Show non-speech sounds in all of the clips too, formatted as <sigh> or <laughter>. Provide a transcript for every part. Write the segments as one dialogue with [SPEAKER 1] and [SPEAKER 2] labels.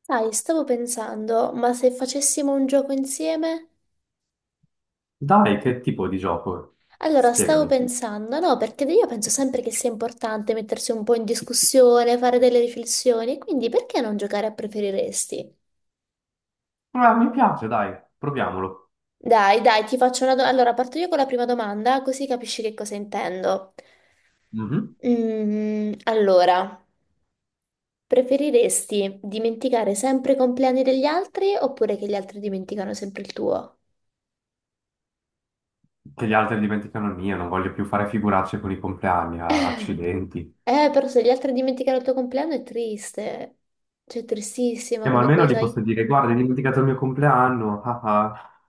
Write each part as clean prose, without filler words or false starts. [SPEAKER 1] Sai, stavo pensando, ma se facessimo un gioco insieme?
[SPEAKER 2] Dai, che tipo di gioco?
[SPEAKER 1] Allora, stavo
[SPEAKER 2] Spiegami.
[SPEAKER 1] pensando, no, perché io penso sempre che sia importante mettersi un po' in discussione, fare delle riflessioni, quindi perché non giocare a preferiresti?
[SPEAKER 2] Ah, mi piace, dai, proviamolo.
[SPEAKER 1] Dai, dai, ti faccio una domanda. Allora, parto io con la prima domanda, così capisci che cosa intendo.
[SPEAKER 2] Mhm.
[SPEAKER 1] Allora, preferiresti dimenticare sempre i compleanni degli altri oppure che gli altri dimenticano sempre il tuo?
[SPEAKER 2] Che gli altri dimenticano il mio, non voglio più fare figuracce con i compleanni, ah, accidenti.
[SPEAKER 1] Però se gli altri dimenticano il tuo compleanno è triste. Cioè, è tristissima
[SPEAKER 2] Ma
[SPEAKER 1] come
[SPEAKER 2] almeno gli
[SPEAKER 1] cosa.
[SPEAKER 2] posso
[SPEAKER 1] E
[SPEAKER 2] dire, guarda, hai dimenticato il mio compleanno, <laughs> ah, ah.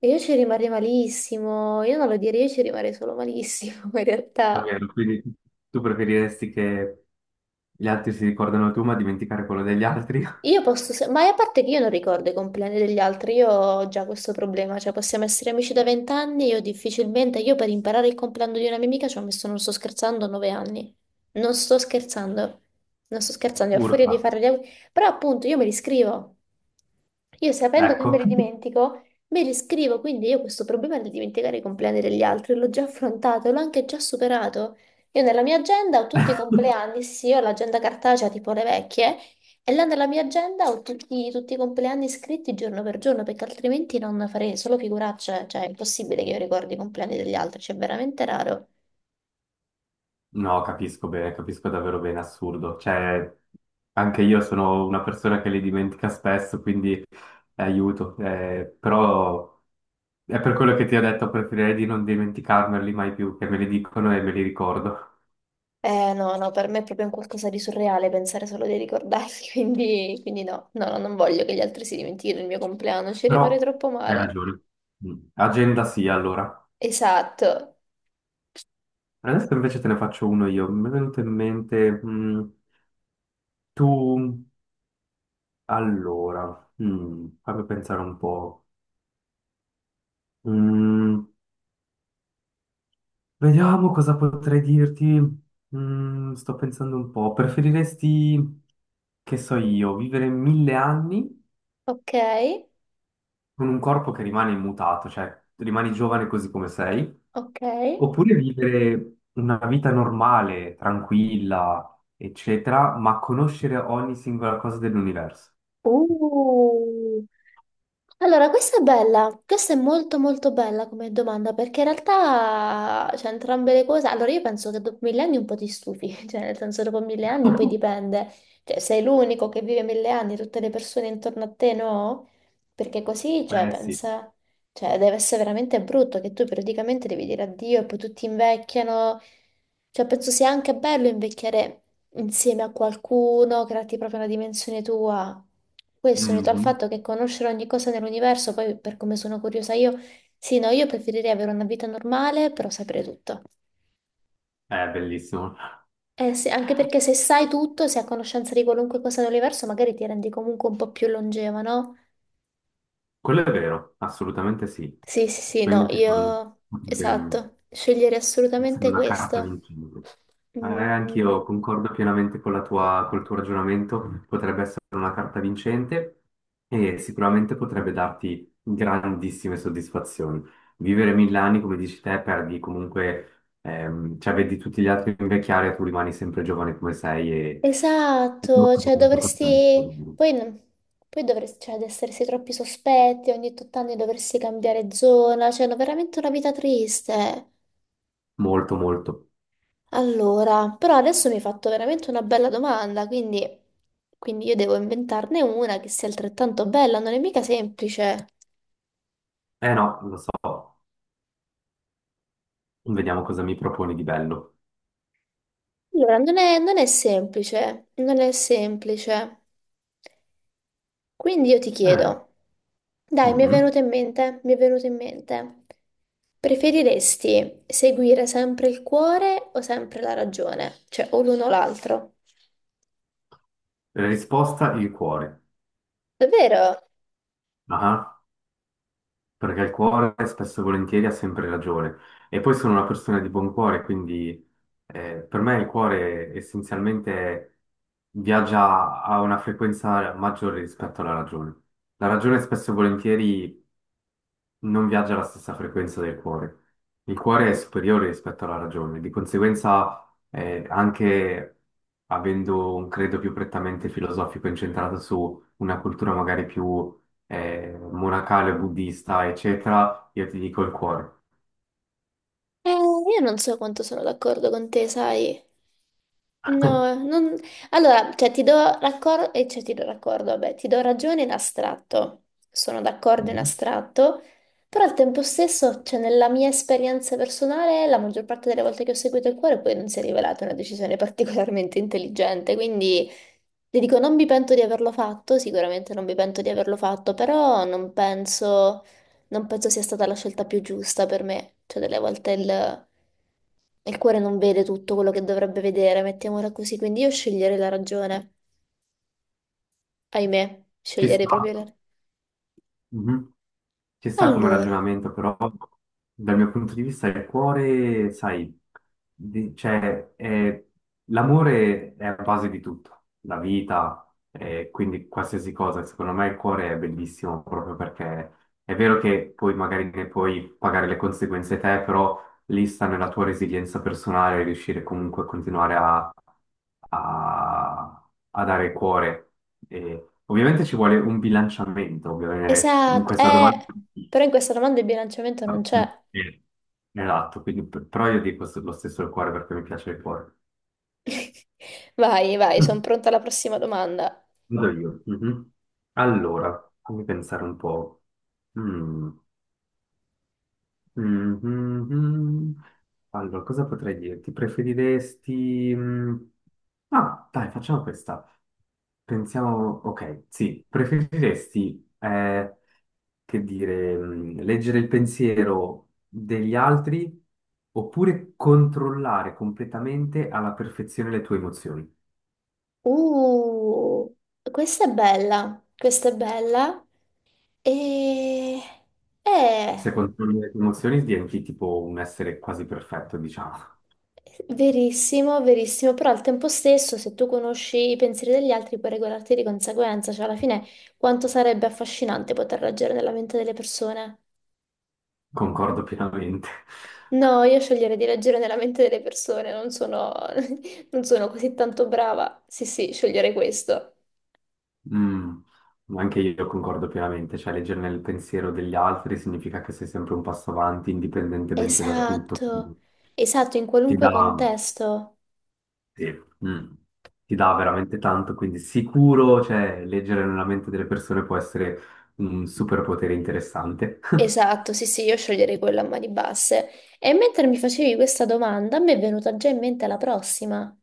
[SPEAKER 1] io ci rimarrei malissimo. Io non lo direi, io ci rimarrei solo malissimo, <laughs> in
[SPEAKER 2] Va
[SPEAKER 1] realtà.
[SPEAKER 2] bene, quindi tu preferiresti che gli altri si ricordano tu, ma dimenticare quello degli altri?
[SPEAKER 1] Io posso, ma a parte che io non ricordo i compleanni degli altri, io ho già questo problema, cioè possiamo essere amici da 20 anni, io difficilmente, io per imparare il compleanno di una mia amica ci ho messo, non sto scherzando, 9 anni. Non sto scherzando, non sto scherzando,
[SPEAKER 2] <laughs>
[SPEAKER 1] io ho furia
[SPEAKER 2] Urca,
[SPEAKER 1] di fare gli auguri, però appunto io me li scrivo, io sapendo che me
[SPEAKER 2] ecco.
[SPEAKER 1] li dimentico, me li scrivo, quindi io questo problema di dimenticare i compleanni degli altri l'ho già affrontato, l'ho anche già superato. Io nella mia agenda ho tutti i compleanni, sì, sì, ho l'agenda cartacea tipo le vecchie, e là nella mia agenda ho tutti, tutti i compleanni scritti giorno per giorno, perché altrimenti non farei solo figuracce, cioè è impossibile che io ricordi i compleanni degli altri, cioè è veramente raro.
[SPEAKER 2] No, capisco bene, capisco davvero bene, assurdo. Cioè, anche io sono una persona che li dimentica spesso, quindi aiuto. Però è per quello che ti ho detto, preferirei di non dimenticarmeli mai più, che me li dicono e me li ricordo.
[SPEAKER 1] Eh no, no, per me è proprio un qualcosa di surreale pensare solo di ricordarli, <laughs> quindi, quindi no, no, no, non voglio che gli altri si dimentichino il mio compleanno, ci
[SPEAKER 2] Però
[SPEAKER 1] rimarrei troppo
[SPEAKER 2] hai
[SPEAKER 1] male.
[SPEAKER 2] ragione. Mm. Agenda sì, allora.
[SPEAKER 1] Esatto.
[SPEAKER 2] Adesso invece te ne faccio uno io. Mi è venuto in mente, tu... Allora, fammi pensare un po'. Mm, Vediamo cosa potrei dirti. Sto pensando un po'. Preferiresti, che so io, vivere 1000 anni
[SPEAKER 1] Ok,
[SPEAKER 2] con un corpo che rimane immutato, cioè rimani giovane così come sei,
[SPEAKER 1] ok.
[SPEAKER 2] oppure vivere una vita normale, tranquilla, eccetera, ma conoscere ogni singola cosa dell'universo?
[SPEAKER 1] Uh. Allora, questa è bella, questa è molto molto bella come domanda perché in realtà c'è entrambe le cose. Allora, io penso che dopo 1000 anni un po' ti stufi, <laughs> cioè nel senso dopo 1000 anni poi
[SPEAKER 2] <laughs>
[SPEAKER 1] dipende, cioè sei l'unico che vive 1000 anni, tutte le persone intorno a te no? Perché così, cioè,
[SPEAKER 2] Eh sì.
[SPEAKER 1] pensa. Cioè, deve essere veramente brutto che tu periodicamente devi dire addio e poi tutti invecchiano. Cioè, penso sia anche bello invecchiare insieme a qualcuno, crearti proprio una dimensione tua. Questo unito al
[SPEAKER 2] Mhm.
[SPEAKER 1] fatto che conoscere ogni cosa nell'universo, poi per come sono curiosa io, sì, no, io preferirei avere una vita normale, però sapere tutto.
[SPEAKER 2] È bellissimo.
[SPEAKER 1] Eh sì, anche perché se sai tutto, se hai conoscenza di qualunque cosa dell'universo, magari ti rendi comunque un po' più longeva, no?
[SPEAKER 2] Quello è vero, assolutamente sì.
[SPEAKER 1] Sì, sì, sì, no,
[SPEAKER 2] Quindi, tipo,
[SPEAKER 1] io...
[SPEAKER 2] bene.
[SPEAKER 1] Esatto, sceglierei
[SPEAKER 2] Essere
[SPEAKER 1] assolutamente
[SPEAKER 2] una carta
[SPEAKER 1] questo.
[SPEAKER 2] vincente. Anch'io
[SPEAKER 1] Mm,
[SPEAKER 2] concordo pienamente con col tuo ragionamento, potrebbe essere una carta vincente e sicuramente potrebbe darti grandissime soddisfazioni. Vivere mille anni, come dici te, perdi comunque, cioè vedi tutti gli altri invecchiare e tu rimani sempre giovane come sei e non
[SPEAKER 1] esatto,
[SPEAKER 2] sono
[SPEAKER 1] cioè
[SPEAKER 2] tanto
[SPEAKER 1] dovresti...
[SPEAKER 2] contento.
[SPEAKER 1] Poi dovresti, cioè, ad essersi troppi sospetti, ogni 8 anni dovresti cambiare zona, cioè, no, veramente una vita triste.
[SPEAKER 2] Molto, molto.
[SPEAKER 1] Allora, però adesso mi hai fatto veramente una bella domanda, quindi, quindi io devo inventarne una che sia altrettanto bella, non è mica semplice.
[SPEAKER 2] Eh no, lo so, vediamo cosa mi proponi di bello.
[SPEAKER 1] Allora, non è, non è semplice, non è semplice. Quindi io ti
[SPEAKER 2] Eh,
[SPEAKER 1] chiedo, dai, mi è
[SPEAKER 2] mhm.
[SPEAKER 1] venuto in mente, mi è venuto in mente, preferiresti seguire sempre il cuore o sempre la ragione? Cioè, o l'uno o l'altro?
[SPEAKER 2] Risposta il cuore.
[SPEAKER 1] Davvero?
[SPEAKER 2] Ah, perché il cuore spesso e volentieri ha sempre ragione. E poi sono una persona di buon cuore, quindi per me il cuore essenzialmente viaggia a una frequenza maggiore rispetto alla ragione. La ragione spesso e volentieri non viaggia alla stessa frequenza del cuore. Il cuore è superiore rispetto alla ragione, di conseguenza, anche avendo un credo più prettamente filosofico incentrato su una cultura magari più monacale, buddista, eccetera, io ti dico il cuore.
[SPEAKER 1] Io non so quanto sono d'accordo con te, sai. No, non... Allora, cioè, ti do raccordo, vabbè, ti do ragione in astratto, sono d'accordo in
[SPEAKER 2] Mhm.
[SPEAKER 1] astratto, però al tempo stesso, cioè, nella mia esperienza personale, la maggior parte delle volte che ho seguito il cuore poi non si è rivelata una decisione <laughs> particolarmente intelligente, quindi ti dico, non mi pento di averlo fatto, sicuramente non mi pento di averlo fatto, però non penso sia stata la scelta più giusta per me. Cioè, delle volte il cuore non vede tutto quello che dovrebbe vedere, mettiamola così. Quindi io sceglierei la ragione. Ahimè,
[SPEAKER 2] Ci
[SPEAKER 1] sceglierei
[SPEAKER 2] sta.
[SPEAKER 1] proprio la...
[SPEAKER 2] Mhm. Ci sta come
[SPEAKER 1] Allora,
[SPEAKER 2] ragionamento, però dal mio punto di vista il cuore, sai, di- cioè, è- l'amore è la base di tutto, la vita, quindi qualsiasi cosa. Secondo me il cuore è bellissimo proprio perché è vero che poi magari ne puoi pagare le conseguenze te, però lì sta nella tua resilienza personale riuscire comunque a continuare a dare cuore. E ovviamente ci vuole un bilanciamento, ovviamente in
[SPEAKER 1] esatto,
[SPEAKER 2] questa domanda.
[SPEAKER 1] però in questa domanda il bilanciamento non
[SPEAKER 2] No,
[SPEAKER 1] c'è.
[SPEAKER 2] sì, esatto, quindi, però io dico lo stesso il cuore perché mi piace il cuore.
[SPEAKER 1] <laughs> Vai, vai, sono
[SPEAKER 2] Mm.
[SPEAKER 1] pronta alla prossima domanda.
[SPEAKER 2] Vado io. Mhm. Allora, fammi pensare un po'. Mm. Mhm. Allora, cosa potrei dirti? Ah, dai, facciamo questa. Pensiamo... Ok, sì. Preferiresti leggere il pensiero degli altri oppure controllare completamente alla perfezione le tue emozioni.
[SPEAKER 1] Uh, questa è bella, questa è bella. E... Eh...
[SPEAKER 2] Se controlli le tue emozioni diventi tipo un essere quasi perfetto, diciamo.
[SPEAKER 1] Verissimo, verissimo, però al tempo stesso, se tu conosci i pensieri degli altri, puoi regolarti di conseguenza, cioè alla fine quanto sarebbe affascinante poter leggere nella mente delle persone.
[SPEAKER 2] <laughs> Concordo pienamente.
[SPEAKER 1] No, io sceglierei di leggere nella mente delle persone, non sono, <laughs> non sono così tanto brava. Sì, sì, sceglierei questo.
[SPEAKER 2] Mm, Anche io concordo pienamente, cioè leggere nel pensiero degli altri significa che sei sempre un passo avanti indipendentemente da tutto,
[SPEAKER 1] Esatto, esatto, in
[SPEAKER 2] ti
[SPEAKER 1] qualunque
[SPEAKER 2] dà,
[SPEAKER 1] contesto.
[SPEAKER 2] sì. Mm. Ti dà veramente tanto, quindi sicuro, cioè, leggere nella mente delle persone può essere un superpotere interessante. <laughs>
[SPEAKER 1] Esatto, sì, sì, io sceglierei quella a mani basse. E mentre mi facevi questa domanda, a me è venuta già in mente la prossima.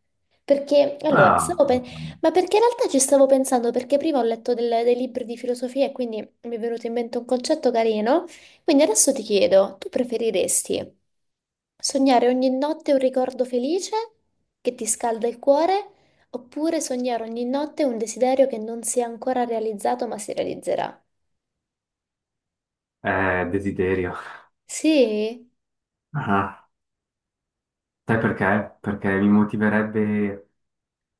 [SPEAKER 1] Perché, allora,
[SPEAKER 2] Ah,
[SPEAKER 1] ma perché in realtà ci stavo pensando, perché prima ho letto dei libri di filosofia e quindi mi è venuto in mente un concetto carino. Quindi adesso ti chiedo, tu preferiresti sognare ogni notte un ricordo felice che ti scalda il cuore, oppure sognare ogni notte un desiderio che non si è ancora realizzato ma si realizzerà?
[SPEAKER 2] desiderio.
[SPEAKER 1] Sì?
[SPEAKER 2] Ah, sai perché? Perché mi motiverebbe,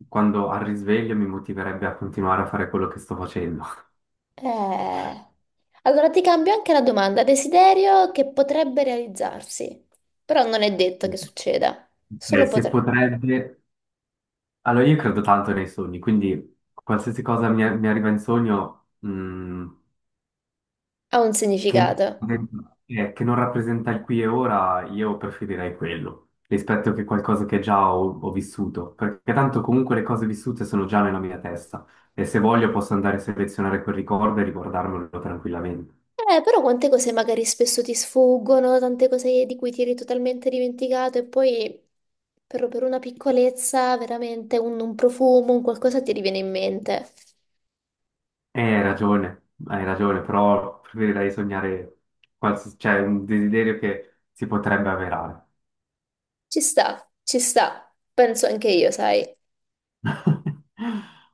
[SPEAKER 2] quando al risveglio, mi motiverebbe a continuare a fare quello che sto facendo.
[SPEAKER 1] Eh, Allora ti cambio anche la domanda. Desiderio che potrebbe realizzarsi, però non è detto che succeda, solo
[SPEAKER 2] Se
[SPEAKER 1] potrebbe.
[SPEAKER 2] potrebbe... Allora, io credo tanto nei sogni, quindi qualsiasi cosa mi arriva in sogno,
[SPEAKER 1] Ha un
[SPEAKER 2] che non
[SPEAKER 1] significato.
[SPEAKER 2] che non rappresenta il qui e ora, io preferirei quello rispetto che qualcosa che già ho, ho vissuto, perché tanto comunque le cose vissute sono già nella mia testa e se voglio posso andare a selezionare quel ricordo e riguardarmelo tranquillamente.
[SPEAKER 1] Però quante cose magari spesso ti sfuggono, tante cose di cui ti eri totalmente dimenticato e poi per una piccolezza, veramente un profumo, un qualcosa ti riviene in mente.
[SPEAKER 2] Hai ragione, però preferirei sognare cioè un desiderio che si potrebbe avverare.
[SPEAKER 1] Ci sta, penso anche io, sai.
[SPEAKER 2] <laughs>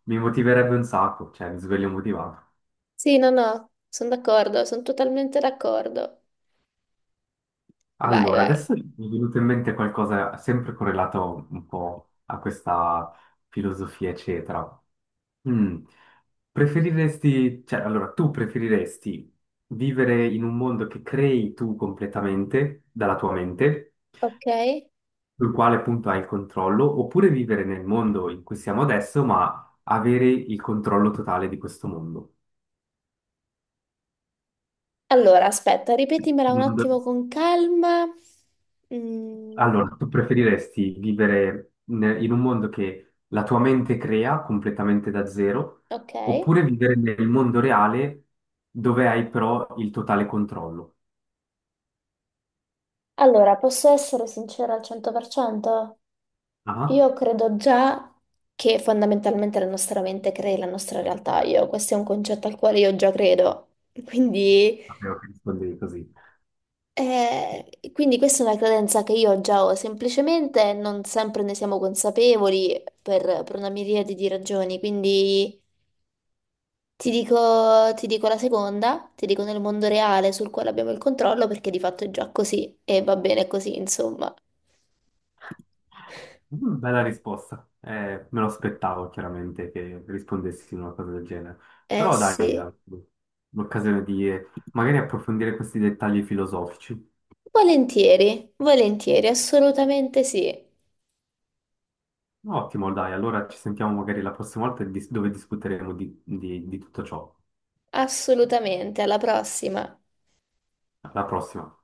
[SPEAKER 2] Mi motiverebbe un sacco, cioè mi sveglio motivato.
[SPEAKER 1] Sì, no, no, sono d'accordo, sono totalmente d'accordo. Vai,
[SPEAKER 2] Allora,
[SPEAKER 1] vai.
[SPEAKER 2] adesso mi è venuto in mente qualcosa sempre correlato un po' a questa filosofia, eccetera. Mm. Preferiresti, cioè, allora, tu preferiresti vivere in un mondo che crei tu completamente dalla tua mente,
[SPEAKER 1] Ok?
[SPEAKER 2] sul quale appunto hai il controllo, oppure vivere nel mondo in cui siamo adesso, ma avere il controllo totale di questo mondo?
[SPEAKER 1] Allora, aspetta, ripetimela un attimo con calma. Mm,
[SPEAKER 2] Allora, tu preferiresti vivere in un mondo che la tua mente crea completamente da zero,
[SPEAKER 1] ok.
[SPEAKER 2] oppure vivere nel mondo reale dove hai però il totale controllo?
[SPEAKER 1] Allora, posso essere sincera al 100%?
[SPEAKER 2] Ah,
[SPEAKER 1] Io credo già che fondamentalmente la nostra mente crei la nostra realtà. Io, questo è un concetto al quale io già credo. Quindi,
[SPEAKER 2] sapevo che rispondevi così.
[SPEAKER 1] quindi questa è una credenza che io già ho, semplicemente non sempre ne siamo consapevoli per una miriade di ragioni. Quindi. Ti dico la seconda, ti dico nel mondo reale sul quale abbiamo il controllo perché di fatto è già così e va bene così, insomma.
[SPEAKER 2] Bella risposta. Me lo aspettavo chiaramente che rispondessi una cosa del genere.
[SPEAKER 1] Eh
[SPEAKER 2] Però dai,
[SPEAKER 1] sì,
[SPEAKER 2] l'occasione di magari approfondire questi dettagli filosofici.
[SPEAKER 1] volentieri, volentieri, assolutamente sì,
[SPEAKER 2] Ottimo, dai, allora ci sentiamo magari la prossima volta dove discuteremo di tutto ciò.
[SPEAKER 1] assolutamente, alla prossima.
[SPEAKER 2] Alla prossima.